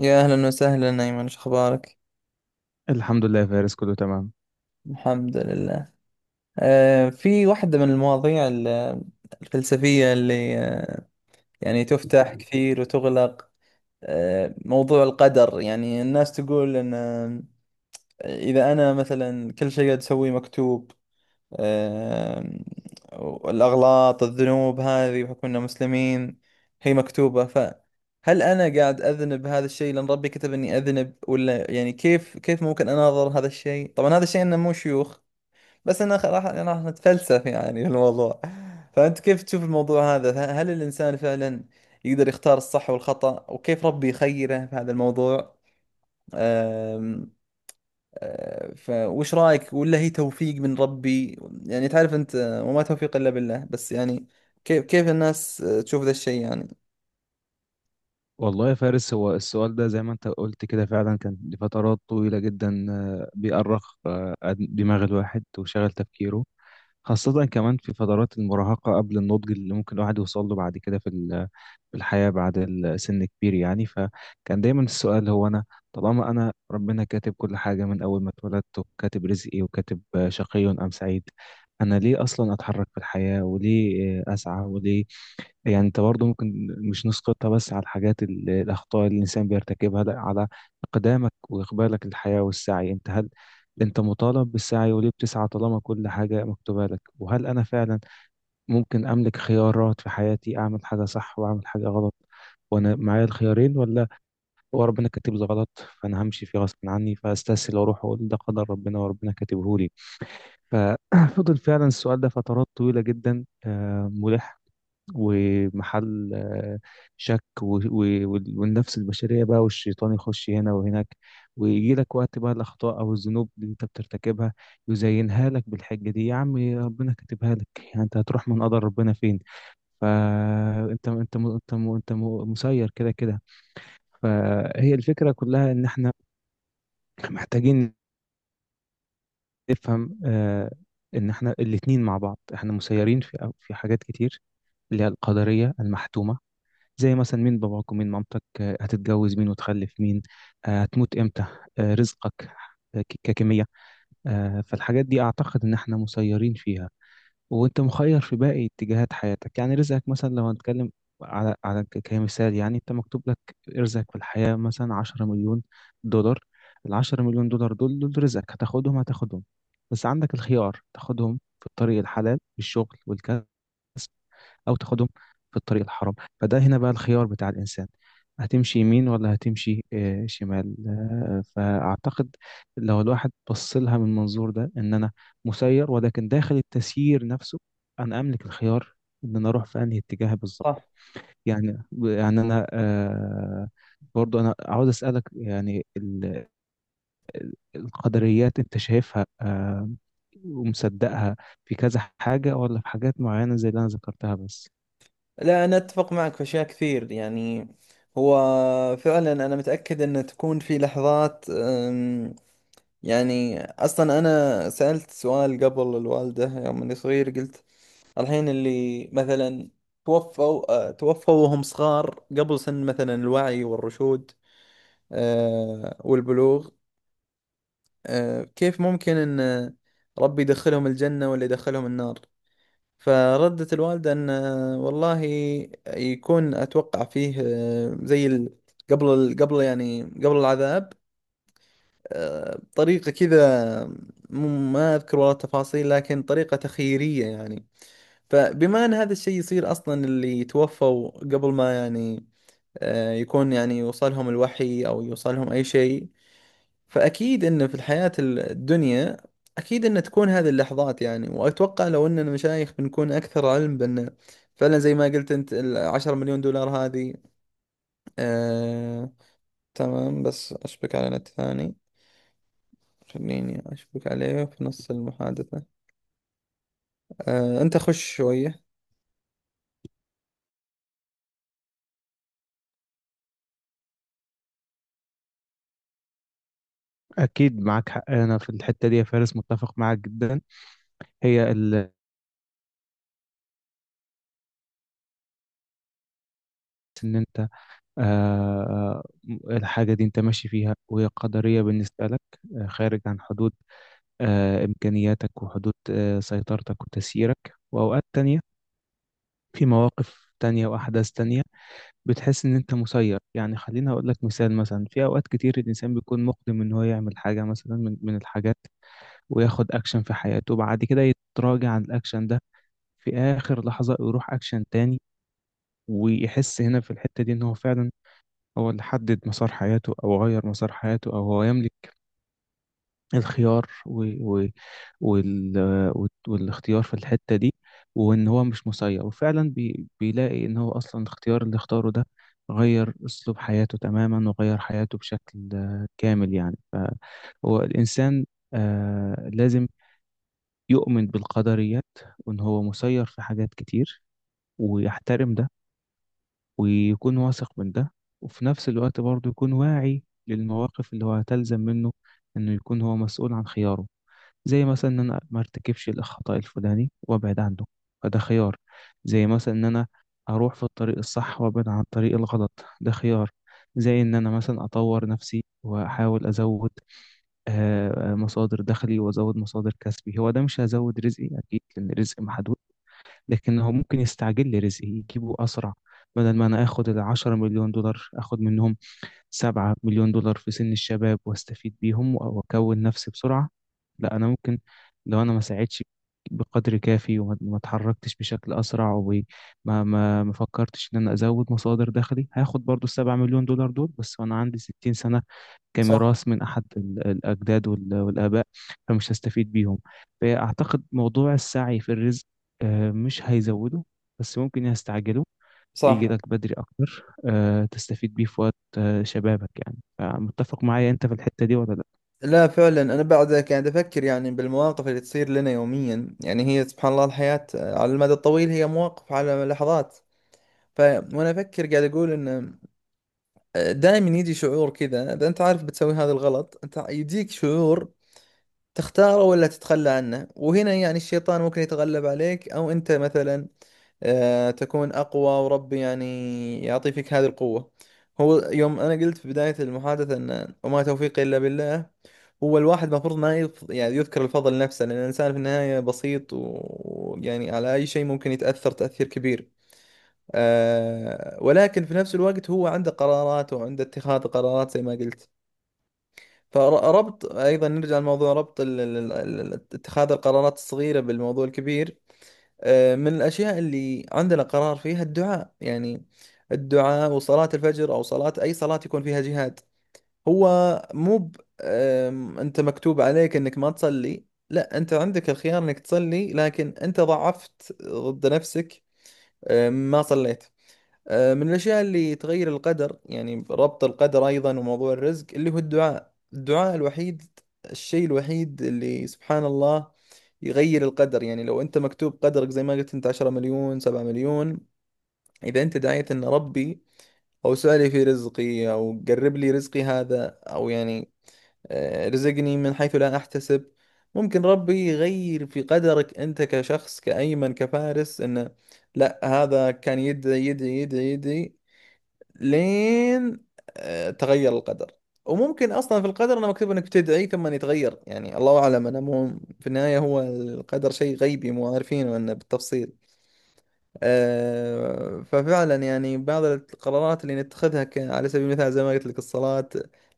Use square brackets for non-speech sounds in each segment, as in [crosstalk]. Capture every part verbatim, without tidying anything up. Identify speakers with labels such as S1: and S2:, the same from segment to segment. S1: يا أهلا وسهلا أيمن، شو أخبارك؟
S2: الحمد لله يا فارس، كله تمام.
S1: الحمد لله. آه في واحدة من المواضيع ال- الفلسفية اللي آه يعني تفتح كثير وتغلق. آه موضوع القدر، يعني الناس تقول أن آه، إذا أنا مثلا كل شيء قاعد أسويه مكتوب، آم، الأغلاط الذنوب هذه بحكم أننا مسلمين هي مكتوبة. فهل أنا قاعد أذنب هذا الشيء لأن ربي كتب إني أذنب، ولا يعني كيف كيف ممكن أناظر هذا الشيء؟ طبعا هذا الشيء أنه مو شيوخ، بس أنا خ- راح راح نتفلسف يعني [laughs] في الموضوع. فأنت كيف تشوف الموضوع هذا؟ ه- هل الإنسان فعلا يقدر يختار الصح والخطأ، وكيف ربي يخيره في هذا الموضوع؟ فوش رايك؟ ولا هي توفيق من ربي؟ يعني تعرف انت، آه، وما توفيق الا بالله. بس يعني كيف كيف الناس آه، تشوف ذا الشيء يعني.
S2: والله يا فارس، هو السؤال ده زي ما انت قلت كده فعلا كان لفترات طويلة جدا آه، بيأرخ آه، دماغ الواحد وشغل تفكيره. خاصة كمان في فترات المراهقة قبل النضج اللي ممكن الواحد يوصل له بعد كده في ال- في الحياة بعد السن كبير يعني. فكان دايما السؤال هو أنا، طالما أنا ربنا كاتب كل حاجة من أول ما اتولدت، وكاتب رزقي، وكاتب آه، شقي أم سعيد، أنا ليه أصلا أتحرك في الحياة وليه آه، أسعى وليه؟ يعني انت برضه ممكن مش نسقطها بس على الحاجات ال- الاخطاء اللي الانسان بيرتكبها، لا، على اقدامك واقبالك للحياه والسعي. انت، هل انت مطالب بالسعي؟ وليه بتسعى طالما كل حاجه مكتوبه لك؟ وهل انا فعلا ممكن املك خيارات في حياتي، اعمل حاجه صح واعمل حاجه غلط وانا معايا الخيارين، ولا هو ربنا كاتب لي غلط فانا همشي فيه غصب عني، فاستسهل واروح اقول ده قدر ربنا وربنا كاتبه لي؟ ففضل [coughs] [clears throat] فعلا السؤال ده فترات طويله جدا آه، ملح ومحل آه، شك، و- و- وال- والنفس البشرية بقى، والشيطان يخش هنا وهناك، ويجي لك وقت بقى الأخطاء أو الذنوب اللي أنت بترتكبها يزينها لك بالحجة دي: يا عم ربنا كاتبها لك، يعني أنت هتروح من قدر ربنا فين؟ فانت انت م- انت م- انت م- مسير كده كده. فهي الفكره كلها ان احنا محتاجين نفهم آه، ان احنا الاتنين مع بعض، احنا مسيرين في في حاجات كتير، اللي هي القدريه المحتومه. زي مثلا مين باباك ومين مامتك، آه، هتتجوز مين وتخلف مين، آه، هتموت امتى، آه، رزقك آه، ك- ككمية. آه، فالحاجات دي اعتقد ان احنا مسيرين فيها، وانت مخير في باقي اتجاهات حياتك يعني. رزقك مثلا لو هنتكلم على على ك- كمثال، يعني انت مكتوب لك رزقك في الحياة مثلا عشرة مليون دولار مليون دولار. العشرة مليون دولار دول، دول رزقك، هتاخدهم هتاخدهم بس عندك الخيار تاخدهم في الطريق الحلال بالشغل والكسب، او تاخدهم في الطريق الحرام. فده هنا بقى الخيار بتاع الانسان، هتمشي يمين ولا هتمشي آه، شمال؟ آه، فاعتقد لو الواحد بص لها من المنظور ده، ان انا مسير، ولكن داخل التسيير نفسه انا املك الخيار ان انا اروح في انهي اتجاه بالظبط.
S1: صح.
S2: يعني يعني انا، آه، برضو انا عاوز اسالك يعني، ال- القدريات انت شايفها آه، ومصدقها في كذا حاجه، ولا في حاجات معينه زي اللي انا ذكرتها بس؟
S1: لا، أنا أتفق معك في أشياء كثير يعني. هو فعلا أنا متأكد أن تكون في لحظات أم، يعني أصلا أنا سألت سؤال قبل الوالدة يوم أني صغير، قلت الحين اللي مثلا توفوا أه، توفوا وهم صغار قبل سن مثلا الوعي والرشود، أه، والبلوغ. آه، كيف ممكن أن آه، ربي يدخلهم الجنة ولا يدخلهم النار؟ فردت الوالدة أن آه، والله يكون أتوقع فيه، آه، زي ال- قبل ال- قبل يعني قبل العذاب، آه، طريقة كذا. م- ما أذكر والله التفاصيل، لكن طريقة تخييرية يعني. فبما أن هذا الشيء يصير أصلا، اللي توفوا قبل ما يعني آه، يكون يعني يوصلهم الوحي أو يوصلهم أي شيء، فأكيد إن في الحياة الدنيا أكيد إن تكون هذه اللحظات يعني. وأتوقع لو إننا مشايخ بنكون أكثر علم بأن فعلا زي ما قلت أنت العشرة مليون دولار هذه. آه... تمام، بس أشبك على نت ثاني، خليني أشبك عليه في نص المحادثة. آه... أنت خش شوية.
S2: أكيد معاك حق أنا في الحتة دي يا فارس، متفق معاك جدا. هي ال- إن أنت، آه، الحاجة دي أنت ماشي فيها وهي قدرية بالنسبة لك، آه، خارج عن حدود آه، إمكانياتك وحدود آه، سيطرتك وتسييرك. وأوقات تانية، في مواقف تانية وأحداث تانية، بتحس إن أنت مسير. يعني خليني أقول لك مثال. مثلا في أوقات كتير الإنسان بيكون مقدم إن هو يعمل حاجة مثلا من من الحاجات، وياخد أكشن في حياته، وبعد كده يتراجع عن الأكشن ده في آخر لحظة، يروح أكشن تاني. ويحس هنا في الحتة دي إن هو فعلا هو اللي حدد مسار حياته أو غير مسار حياته أو هو يملك الخيار و... و... وال... وال- والاختيار في الحتة دي، وإن هو مش مسير. وفعلا بي... بيلاقي إن هو أصلا الاختيار اللي اختاره ده غير أسلوب حياته تماما وغير حياته بشكل آه، كامل يعني. فهو الإنسان آه لازم يؤمن بالقدريات، وإن هو مسير في حاجات كتير، ويحترم ده، ويكون واثق من ده. وفي نفس الوقت برضه يكون واعي للمواقف اللي هو هتلزم منه إنه يكون هو مسؤول عن خياره. زي مثلا إن أنا ما ارتكبش الخطأ الفلاني وأبعد عنه، فده خيار. زي مثلا إن أنا أروح في الطريق الصح وأبعد عن الطريق الغلط، ده خيار. زي إن أنا مثلا أطور نفسي وأحاول أزود آه، مصادر دخلي وأزود مصادر كسبي. هو ده مش هزود رزقي أكيد، لأن الرزق محدود، لكن هو ممكن يستعجل لي رزقي، يجيبه أسرع. بدل ما أنا آخد العشرة مليون دولار، آخد منهم سبعة مليون دولار في سن الشباب واستفيد بيهم و- وأكون نفسي بسرعة. لا، أنا ممكن لو أنا ما ساعدتش بقدر كافي وما ما اتحركتش بشكل أسرع وما ما ما فكرتش إن أنا أزود مصادر دخلي، هاخد برضو السبعة مليون دولار دول بس وأنا عندي ستين سنة،
S1: صح،
S2: كميراث من أحد ال- الأجداد وال- والآباء، فمش هستفيد بيهم. فأعتقد موضوع السعي في الرزق آه، مش هيزوده، بس ممكن يستعجله،
S1: صح.
S2: يجي لك بدري أكتر آه، تستفيد بيه في وقت آه، شبابك يعني. فمتفق معايا أنت في الحتة دي ولا لأ؟
S1: لا، فعلا أنا بعد قاعد أفكر يعني بالمواقف اللي تصير لنا يوميا. يعني هي سبحان الله، الحياة على المدى الطويل هي مواقف على لحظات. ف... وأنا أفكر قاعد أقول إن دائما يجي شعور كذا، اذا انت عارف بتسوي هذا الغلط انت يجيك شعور تختاره ولا تتخلى عنه. وهنا يعني الشيطان ممكن يتغلب عليك، او انت مثلا آه، تكون اقوى، وربي يعني يعطي فيك هذه القوة. هو يوم انا قلت في بداية المحادثة ان وما توفيقي الا بالله، هو الواحد المفروض ما يف... يعني يذكر الفضل نفسه، لان الانسان في النهاية بسيط، ويعني على اي شيء ممكن يتأثر تأثير كبير. آه، ولكن في نفس الوقت هو عنده قرارات، وعنده اتخاذ قرارات زي ما قلت. فربط أيضا نرجع لموضوع ربط ال- ال- ال- ال- اتخاذ القرارات الصغيرة بالموضوع الكبير. آه، من الأشياء اللي عندنا قرار فيها الدعاء، يعني الدعاء وصلاة الفجر أو صلاة أي صلاة يكون فيها جهاد. هو مو ب- آم، أنت مكتوب عليك أنك ما تصلي. لا، أنت عندك الخيار أنك تصلي، لكن أنت ضعفت ضد نفسك. آم، ما صليت. آه، من الأشياء اللي تغير القدر، يعني ربط القدر أيضا وموضوع الرزق، اللي هو الدعاء. الدعاء الوحيد، الشيء الوحيد اللي سبحان الله يغير القدر. يعني لو أنت مكتوب قدرك زي ما قلت أنت عشرة مليون سبعة مليون، إذا أنت دعيت أن ربي أوسع لي في رزقي، أو قرب لي رزقي هذا، أو يعني آه، رزقني من حيث لا أحتسب، ممكن ربي يغير في قدرك أنت كشخص كأيمن كفارس. أنه لا، هذا كان يدعي يدعي يدعي يدعي لين آه، تغير القدر. وممكن اصلا في القدر انه مكتوب انك بتدعي ثم يتغير، يعني الله اعلم، انا مو، في النهايه هو القدر شيء غيبي مو عارفينه انه بالتفصيل. آه، ففعلا يعني بعض القرارات اللي نتخذها ك- على سبيل المثال زي ما قلت لك الصلاه،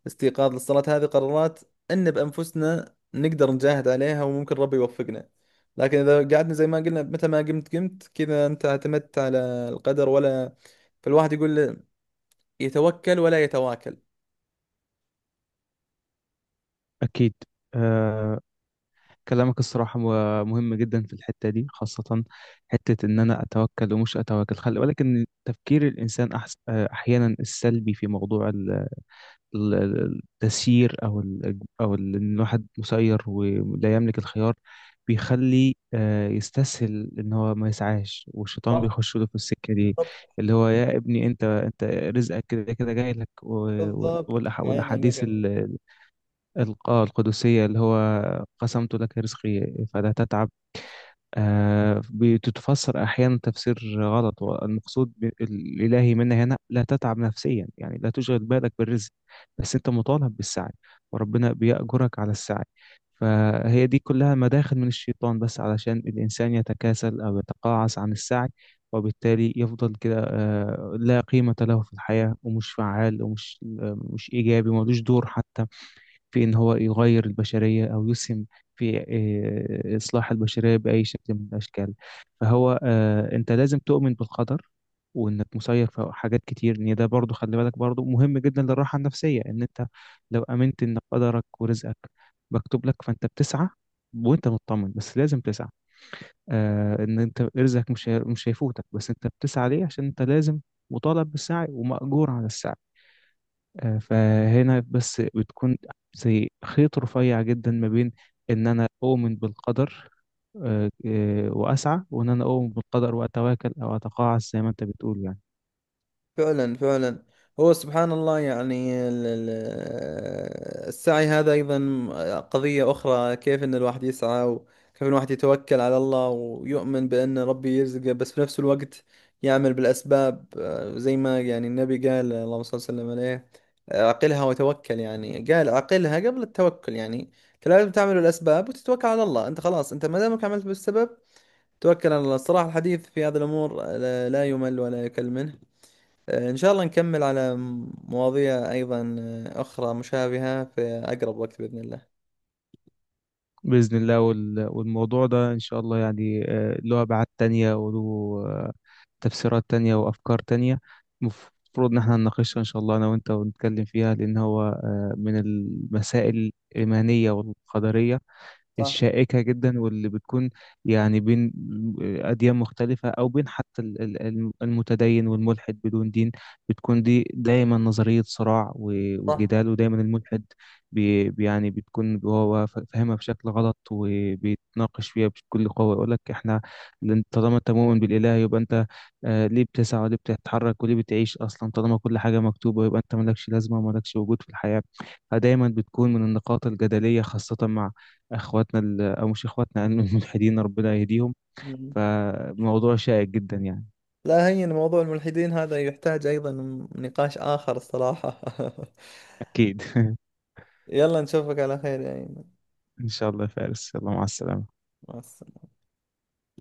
S1: الاستيقاظ للصلاه، هذه قرارات ان بانفسنا نقدر نجاهد عليها، وممكن ربي يوفقنا. لكن اذا قعدنا زي ما قلنا متى ما قمت قمت كذا، انت اعتمدت على القدر ولا؟ فالواحد يقول يتوكل ولا يتواكل؟
S2: أكيد. آه، كلامك الصراحة مه- مهم جدا في الحتة دي، خاصة حتة إن أنا أتوكل ومش أتوكل. خلي بالك إن تفكير الإنسان أحس... آه، أحيانا السلبي في موضوع ال- ال- التسيير، او ال- او ال- ان الواحد مسير ولا يملك الخيار، بيخلي آه، يستسهل ان هو ما يسعاش، والشيطان
S1: صح.
S2: بيخش له في السكه دي.
S1: بالضبط.
S2: اللي هو: يا ابني انت انت رزقك كده كده جاي لك. و-
S1: بالضبط.
S2: والأح-
S1: عين
S2: والاحاديث
S1: عليك.
S2: ال- الق- القدسيه اللي هو «قسمت لك رزقي فلا تتعب» آه، بتتفسر أحيانا تفسير غلط. والمقصود ب- الإلهي منا هنا لا تتعب نفسيا، يعني لا تشغل بالك بالرزق، بس أنت مطالب بالسعي، وربنا بيأجرك على السعي. فهي دي كلها مداخل من الشيطان، بس علشان الإنسان يتكاسل أو يتقاعس عن السعي، وبالتالي يفضل كده آه، لا قيمة له في الحياة ومش فعال ومش آه، مش إيجابي، ملوش دور حتى في إن هو يغير البشرية أو يسهم في آه، إصلاح البشرية بأي شكل من الأشكال. فهو آه، أنت لازم تؤمن بالقدر وإنك مسير في حاجات كتير. إن ده برضو، خلي بالك، برضو مهم جدا للراحة النفسية. إن أنت لو آمنت إن قدرك ورزقك مكتوب لك، فأنت بتسعى وانت مطمن، بس لازم تسعى. آه ان انت رزقك مش هي- مش هيفوتك، بس انت بتسعى ليه؟ عشان انت لازم، مطالب بالسعي ومأجور على السعي. آه، فهنا بس بتكون زي خيط رفيع جدا ما بين ان انا اؤمن بالقدر آه، آه، واسعى، وان انا اؤمن بالقدر واتواكل او اتقاعس زي ما انت بتقول يعني.
S1: فعلا، فعلا. هو سبحان الله، يعني ال- ال- السعي هذا أيضا قضية أخرى. كيف أن الواحد يسعى، وكيف أن الواحد يتوكل على الله ويؤمن بأن ربي يرزقه، بس في نفس الوقت يعمل بالأسباب. آه، زي ما يعني النبي قال، اللهم صل وسلم عليه، آه، عقلها وتوكل. يعني قال عقلها قبل التوكل، يعني أنت لازم تعمل الأسباب وتتوكل على الله. أنت خلاص، أنت ما دامك عملت بالسبب توكل على الله. الصراحة الحديث في هذه الأمور لا لا يمل ولا يكل منه. آه، إن شاء الله نكمل على مواضيع أيضا آه، أخرى مشابهة في أقرب وقت بإذن الله.
S2: باذن الله. وال- والموضوع ده ان شاء الله يعني آه، له ابعاد تانية وله آه، تفسيرات تانية وافكار تانية، المفروض ان احنا نناقشها ان شاء الله انا وانت ونتكلم فيها، لان هو آه، من المسائل الايمانية والقدرية
S1: صح.
S2: الشائكة جدا، واللي بتكون يعني بين أديان مختلفة أو بين حتى ال- ال- الم- المتدين والملحد بدون دين. بتكون دي دايما نظرية صراع و-
S1: صح.
S2: وجدال، ودايما الملحد بي بي- يعني بتكون هو ف- فاهمها بشكل غلط وبيتناقش فيها بكل قوة. يقول لك: احنا، لأن طالما انت مؤمن بالإله يبقى انت، آه، ليه بتسعى وليه بتتحرك وليه بتعيش أصلا؟ طالما كل حاجة مكتوبة يبقى انت مالكش لازمة ومالكش وجود في الحياة. فدايما بتكون من النقاط الجدلية، خاصة مع اخواتنا ال- او مش اخواتنا يعني، الملحدين، ربنا يهديهم.
S1: مم.
S2: فموضوع شائك جدا يعني.
S1: لا، هين موضوع الملحدين هذا يحتاج أيضا نقاش آخر الصراحة. [laughs]
S2: اكيد [laughs]
S1: يلا نشوفك على خير يا أيمن.
S2: ان شاء الله يا فارس، يلا مع السلامة.
S1: مع السلامة.